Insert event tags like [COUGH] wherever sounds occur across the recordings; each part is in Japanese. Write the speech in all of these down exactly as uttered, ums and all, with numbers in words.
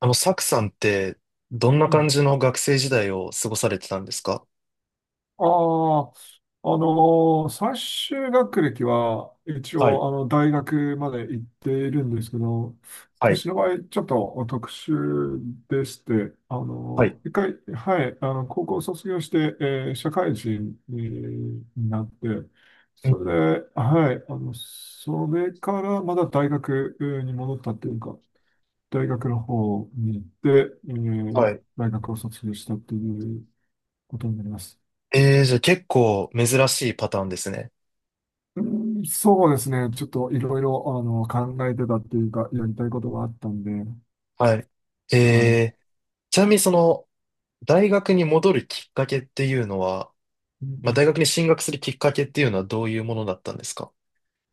あの、サクさんって、どんなう感ん。じの学生時代を過ごされてたんですか？ああ、あのー最終学歴は一はい、応あの大学まで行っているんですけど、はい、私の場合ちょっと特殊でして、あはい、のー一回、はい、あの、高校卒業して、えー社会人になって、うん、それで、はい、あの、それからまだ大学に戻ったっていうか、大学の方に行って、えはーい。大学を卒業したっていうことになります。えー、じゃあ結構珍しいパターンですね。うん、そうですね。ちょっといろいろ、あの、考えてたっていうか、やりたいことがあったんで。はい。はい。えー、ちなみにその、大学に戻るきっかけっていうのは、うんうまあ、大ん。学に進学するきっかけっていうのはどういうものだったんですか？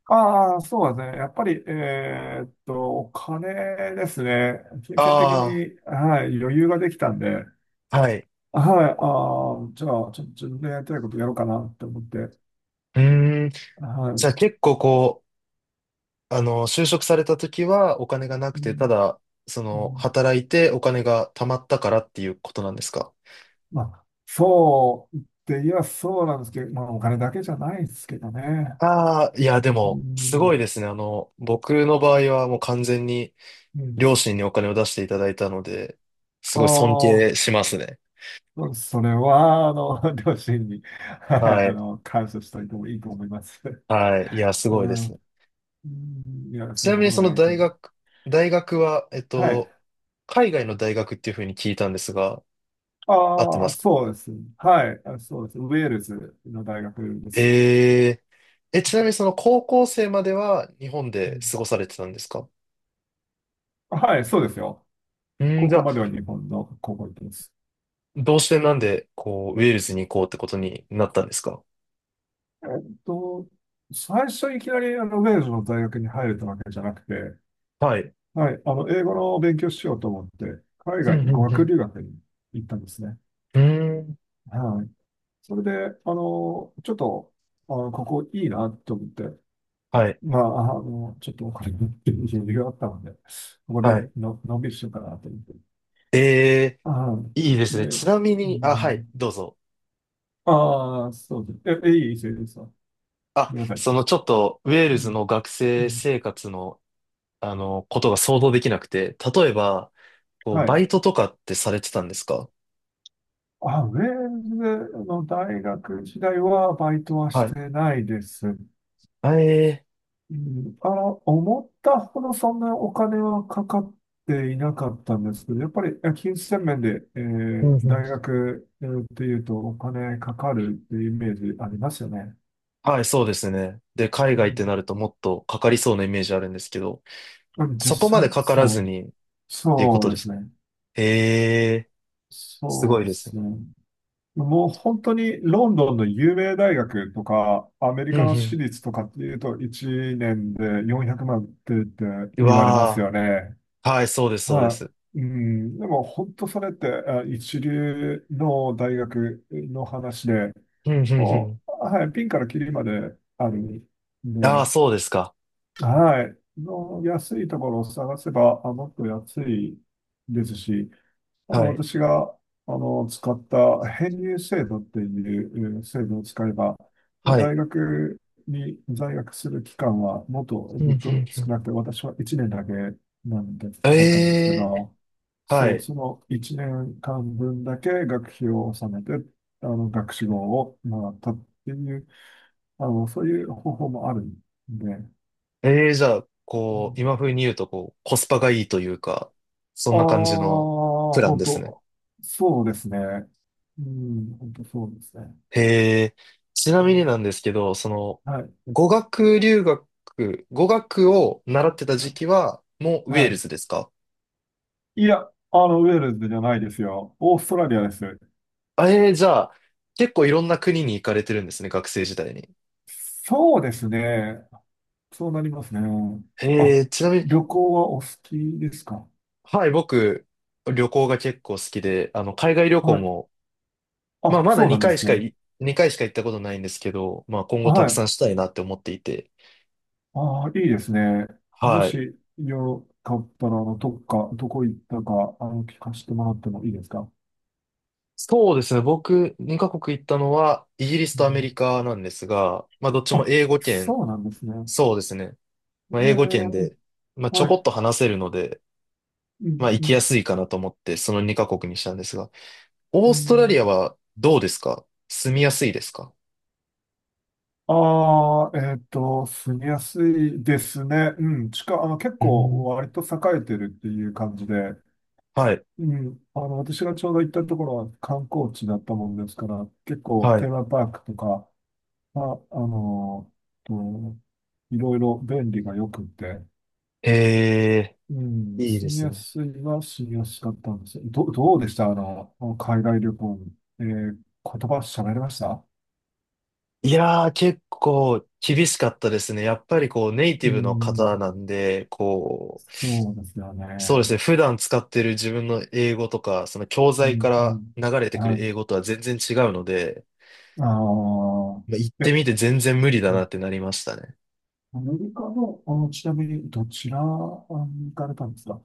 ああ、そうですね。やっぱり、えーっと、お金ですね。金銭的あに、はい、余裕ができたんで、あー、はい。はい、ああ、じゃあ、ちょっと自分でやりたいことやろうかなって思って、うーん。はじゃい。あ結構こう、あの、就職された時はお金がなくうて、たんだ、そうの、ん。働いてお金が貯まったからっていうことなんですか？まあ、そうって言えばそうなんですけど、まあ、お金だけじゃないですけどね。ああ、いや、でうも、すん、ごいですね。あの、僕の場合はもう完全にうん。両親にお金を出していただいたので、すごい尊あ敬あ、しますね。それは、あの、[LAUGHS] 両親に、はい、はあい。の、感謝しておいてもいいと思います。はい。いや、[LAUGHS] すうごいでん。すね。うん、いや、ちそんななみにことそなのいですよ。大学、大学は、えっはい。と、海外の大学っていうふうに聞いたんですが、合ってあまあ、すか？そうです。はい。あ、そうです。ウェールズの大学です。えー、え、ちなみにその高校生までは日本うでん、過ごされてたんですか？はい、そうですよ。うん、高じゃ校あ、までは日本の高校行ってます。どうしてなんで、こう、ウェールズに行こうってことになったんですか？えっと、最初いきなりあのウェールズの大学に入れたわけじゃなくて、はい。はい、あの、英語の勉強しようと思って、海う外んにう語ん学う留学に行ったんですね。ん。うん、はい。それで、あの、ちょっと、あの、ここいいなと思って、はい、まあ、あの、ちょっとお金持ってる人があったので、ここはでい。の、のんびりしようかなと思って。えあー、ー、いいですで、ね。ちなみうに、あ、はい、ん、どうぞ。ああ、そうです。え、えいいですよ、いいですよ。ごあ、めんなさそのい。ちょっと、ウェーうルズん、の学う生ん、生活の、あの、ことが想像できなくて、例えば、こう、はバい。イトとかってされてたんですか？あ、ウェールズの大学時代はバイトはしはい。てないです。あえうん、あの、思ったほどそんなお金はかかっていなかったんですけど、やっぱりえ金銭面で、えー、うんーう大ん、学、えーっていうとお金かかるっていうイメージありますよね。はい、そうですね。で、海外ってなるともっとかかりそうなイメージあるんですけど、うん、実そこまで際、かからそずう、にっていうこそとうでですす。ね。えー、すそごういでですすね。ね。もう本当にロンドンの有名大学とか、アメリうんうカのん。私立とかっていうと、いちねんでよんひゃくまんって言ってう言われますわよね。ー、はい、そうです、そうではす。い。うん、でも本当それってあ一流の大学の話で、うんうんうもん。う、はい、ピンからキリまであるんああ、で、そうですか。はい、の安いところを探せばあもっと安いですし、あの、はい。私が、あの、使った編入制度っていうえー制度を使えば、まあは大い。学に在学する期間はもっとうん、うずっん、とう少ん。なくて、私はいちねんだけなんで、だったんですけええ、ど、はそう、い。そのいちねんかんぶんだけ学費を納めて、あの、学士号をもらったっていう、あの、そういう方法もあるんで、ええ、じゃあ、うこう、ん、今風に言うと、こう、コスパがいいというか、そあんあ、な感じのプラン本ですね。当、そうですね。うん、本当そうですね。へえ、ちなみになんですけど、その、はい。語学留学、語学を習ってた時期は、もうウェはールい。ズですか？いや、あの、ウェールズじゃないですよ。オーストラリアです。あ、ええ、じゃあ、結構いろんな国に行かれてるんですね、学生時代に。そうですね。そうなりますね。へあ、え、ちなみに、旅行はお好きですか？はい、僕、旅行が結構好きで、あの、海外旅行はい。もまあ、あ、まだそう2なんで回しすかね。い、回しか行ったことないんですけど、まあ、今後たはくさい。んしたいなって思っていて。ああ、いいですね。もはい。しよかったら、あの、どっか、どこ行ったか、あの、聞かせてもらってもいいですか？そうですね。僕、にカ国行ったのは、イギリスうとアメん、リカなんですが、まあ、どっちもあ、英語圏、そうなんですね。そうですね。まあ、え英語圏ー、で、まあ、ちょはい。こっと話せるので、うまあ、ん、行うきやん、すいかなと思って、そのにカ国にしたんですが、うオーストラリアん。はどうですか？住みやすいですか？ああ、えっと、住みやすいですね。うん、近、あの、結う構ん。割と栄えてるっていう感じで、はい。うん、あの、私がちょうど行ったところは観光地だったもんですから、結構はテい。ーマパークとか、あ、あの、と、いろいろ便利が良くて、ええ、うん、いいで住みすやね。すいは住みやすかったんですよ。ど、どうでしたあの、海外旅行に。えー言葉喋れました？いやー、結構厳しかったですね。やっぱりこうネイうティブの方ん、なんで、こう、そうですよね。そうですね。普段使ってる自分の英語とか、その教う材かんうん。ら流れてくるあ、英語とは全然違うので、あまあ、行っーてえ、みて全然無理だなってなりましたね。アメリカの、あの、ちなみに、どちらに行かれたんですか？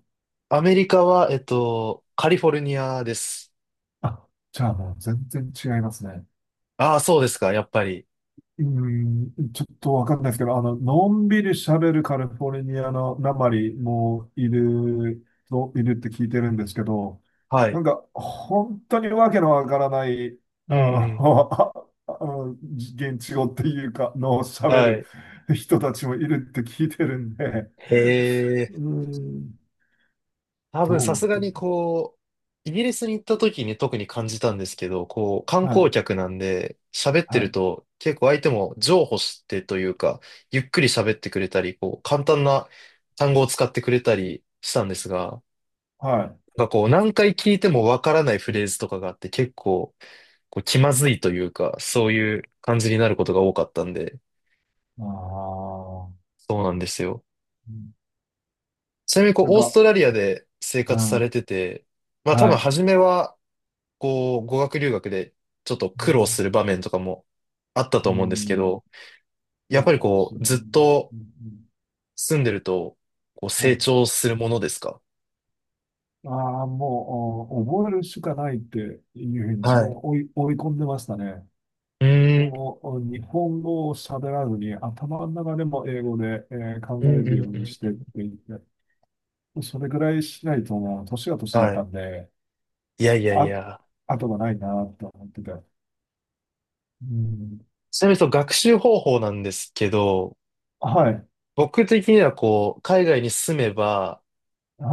アメリカは、えっと、カリフォルニアです。あ、じゃあもう全然違いますね。ああ、そうですか、やっぱり。うーん、ちょっとわかんないですけど、あの、のんびり喋るカリフォルニアのなまりもいる、と、いるって聞いてるんですけど、はない。んか、本当にわけのわからない、うあんうん。の、[LAUGHS] あの、現地語っていうか、の喋はるい。人たちもいるって聞いてるんで、へー、うーん、多分さそうすがですにね。こう、イギリスに行った時に特に感じたんですけど、こう、観は光い、客なんで喋ってはるい、と結構相手も譲歩してというか、ゆっくり喋ってくれたり、こう、簡単な単語を使ってくれたりしたんですが、はい。なんかこう、何回聞いてもわからないフレーズとかがあって結構、こう、気まずいというか、そういう感じになることが多かったんで、ああ、そうなんですよ。うん、ちなみにこう、なんオースか、トラリアで生う活さん、れてて、まあ多は分い。初めは、こう、語学留学でちょっとう苦労ん、する場面とかもあったうと思うんですけん、ど、やっぱりそうでこすね。う、ずっとうんうん。住んでると、こう、あ成長するものですか？あー、もう、お覚えるしかないっていうふうに自分はい。を追い、追い込んでましたね。うーん。もう、日本語を喋らずに、頭の中でも英語で、えー考うえんうるんよううにしてっん。て言って、それぐらいしないともう、年が年だっはたい。んで、いやいやいあ、や。後がないなと思ってて。うん、ちなみにその学習方法なんですけど、はい、僕的にはこう、海外に住めば、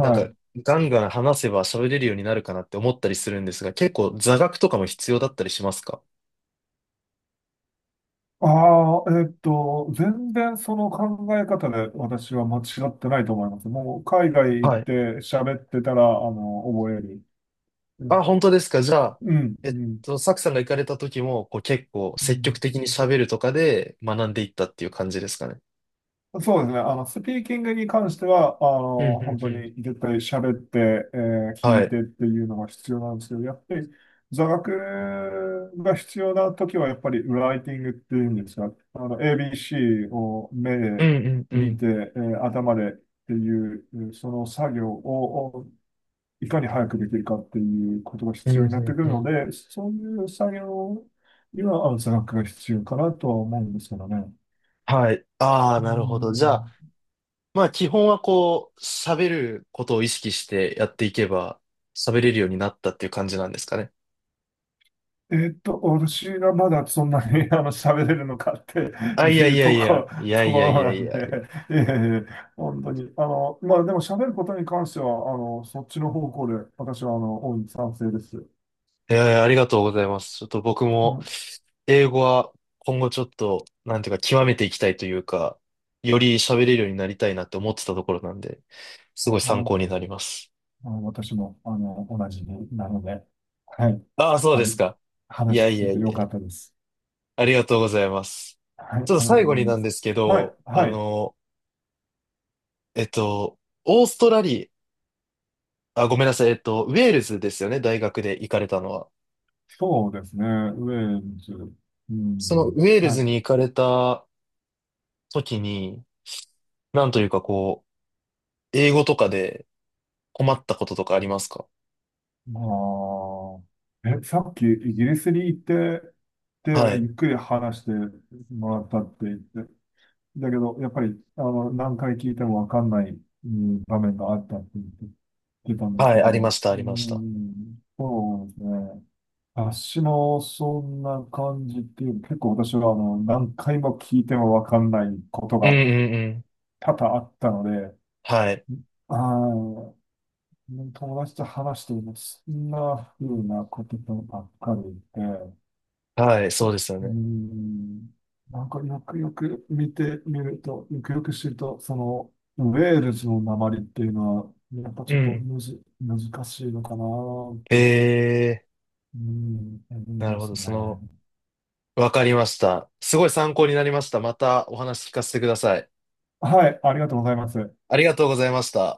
なんか、い。ガンガン話せば喋れるようになるかなって思ったりするんですが、結構座学とかも必要だったりしますか？ああ、えっと、全然その考え方で私は間違ってないと思います。もう海外行っはい。て喋ってたら、あの、覚える。うあ、ん、本当ですか。じゃあ、うん、えっと、サクさんが行かれた時も、こう結構う積極ん。的に喋るとかで学んでいったっていう感じですかね。そうですね。あの、スピーキングに関しては、あうん、うの、本当ん、うん。に絶対喋って、えー聞はいい。てっていうのが必要なんですけど、やっぱり座学が必要な時は、やっぱりライティングっていうんですが、あの、エービーシー を目うでんうんう見ん。て、えー頭でっていう、えーその作業をいかに早くできるかっていうことがうん、必うん、要になってくるうのん。で、そういう作業にはあの座学が必要かなとは思うんですけどね。はい。ああ、うなるほど。じゃあ、ん、まあ基本はこう、喋ることを意識してやっていけば、喋れるようになったっていう感じなんですかね。えっと、私がまだそんなに [LAUGHS] あの喋れるのかってあ、いやいいうやといこ、や、いやといこやろいやないんやいで、や。ええ、本当に。あの、まあでも喋ることに関しては、あの、そっちの方向で、私はあの、大いに賛成です。えー、ありがとうございます。ちょっと僕うん、も、は英語は今後ちょっと、なんていうか、極めていきたいというか、より喋れるようになりたいなって思ってたところなんで、すごい参い。考になります。あの私も、あの、同じなので、はい。ああ、そうあですり、か。い話やい聞けやていやよいかっや、たです。ありがとうございます。はい、ありちょっとがとう最ご後ざいにまなんす。ですけはい、ど、あはい。の、えっと、オーストラリア、あ、ごめんなさい、えっと、ウェールズですよね、大学で行かれたのは。そうですね。ウェールズ。うそのん、ウェールはズにい。行かれた時に、なんというかこう、英語とかで、困ったこととかありますか？まあ、え、さっきイギリスに行って、で、はい。ゆっくり話してもらったって言って、だけど、やっぱり、あの、何回聞いてもわかんない、うん、場面があったって言って言ってたんですはけい、ありまど、した、うありました。ん、そうですね。私もそんな感じっていう、結構私は、あの、何回も聞いてもわかんないことうんうがんうん。多々あったので、はい。ああ、友達と話しています。そんな風なことばっかりで、うはい、そうですよーね。ん、なんかよくよく見てみると、よくよく知ると、その、ウェールズの訛りっていうのは、やっぱうちょっとんむず、難しいのかなって、えうーん、思いー、なるまほすど。ね。その、わかりました。すごい参考になりました。またお話聞かせてください。はい、ありがとうございます。ありがとうございました。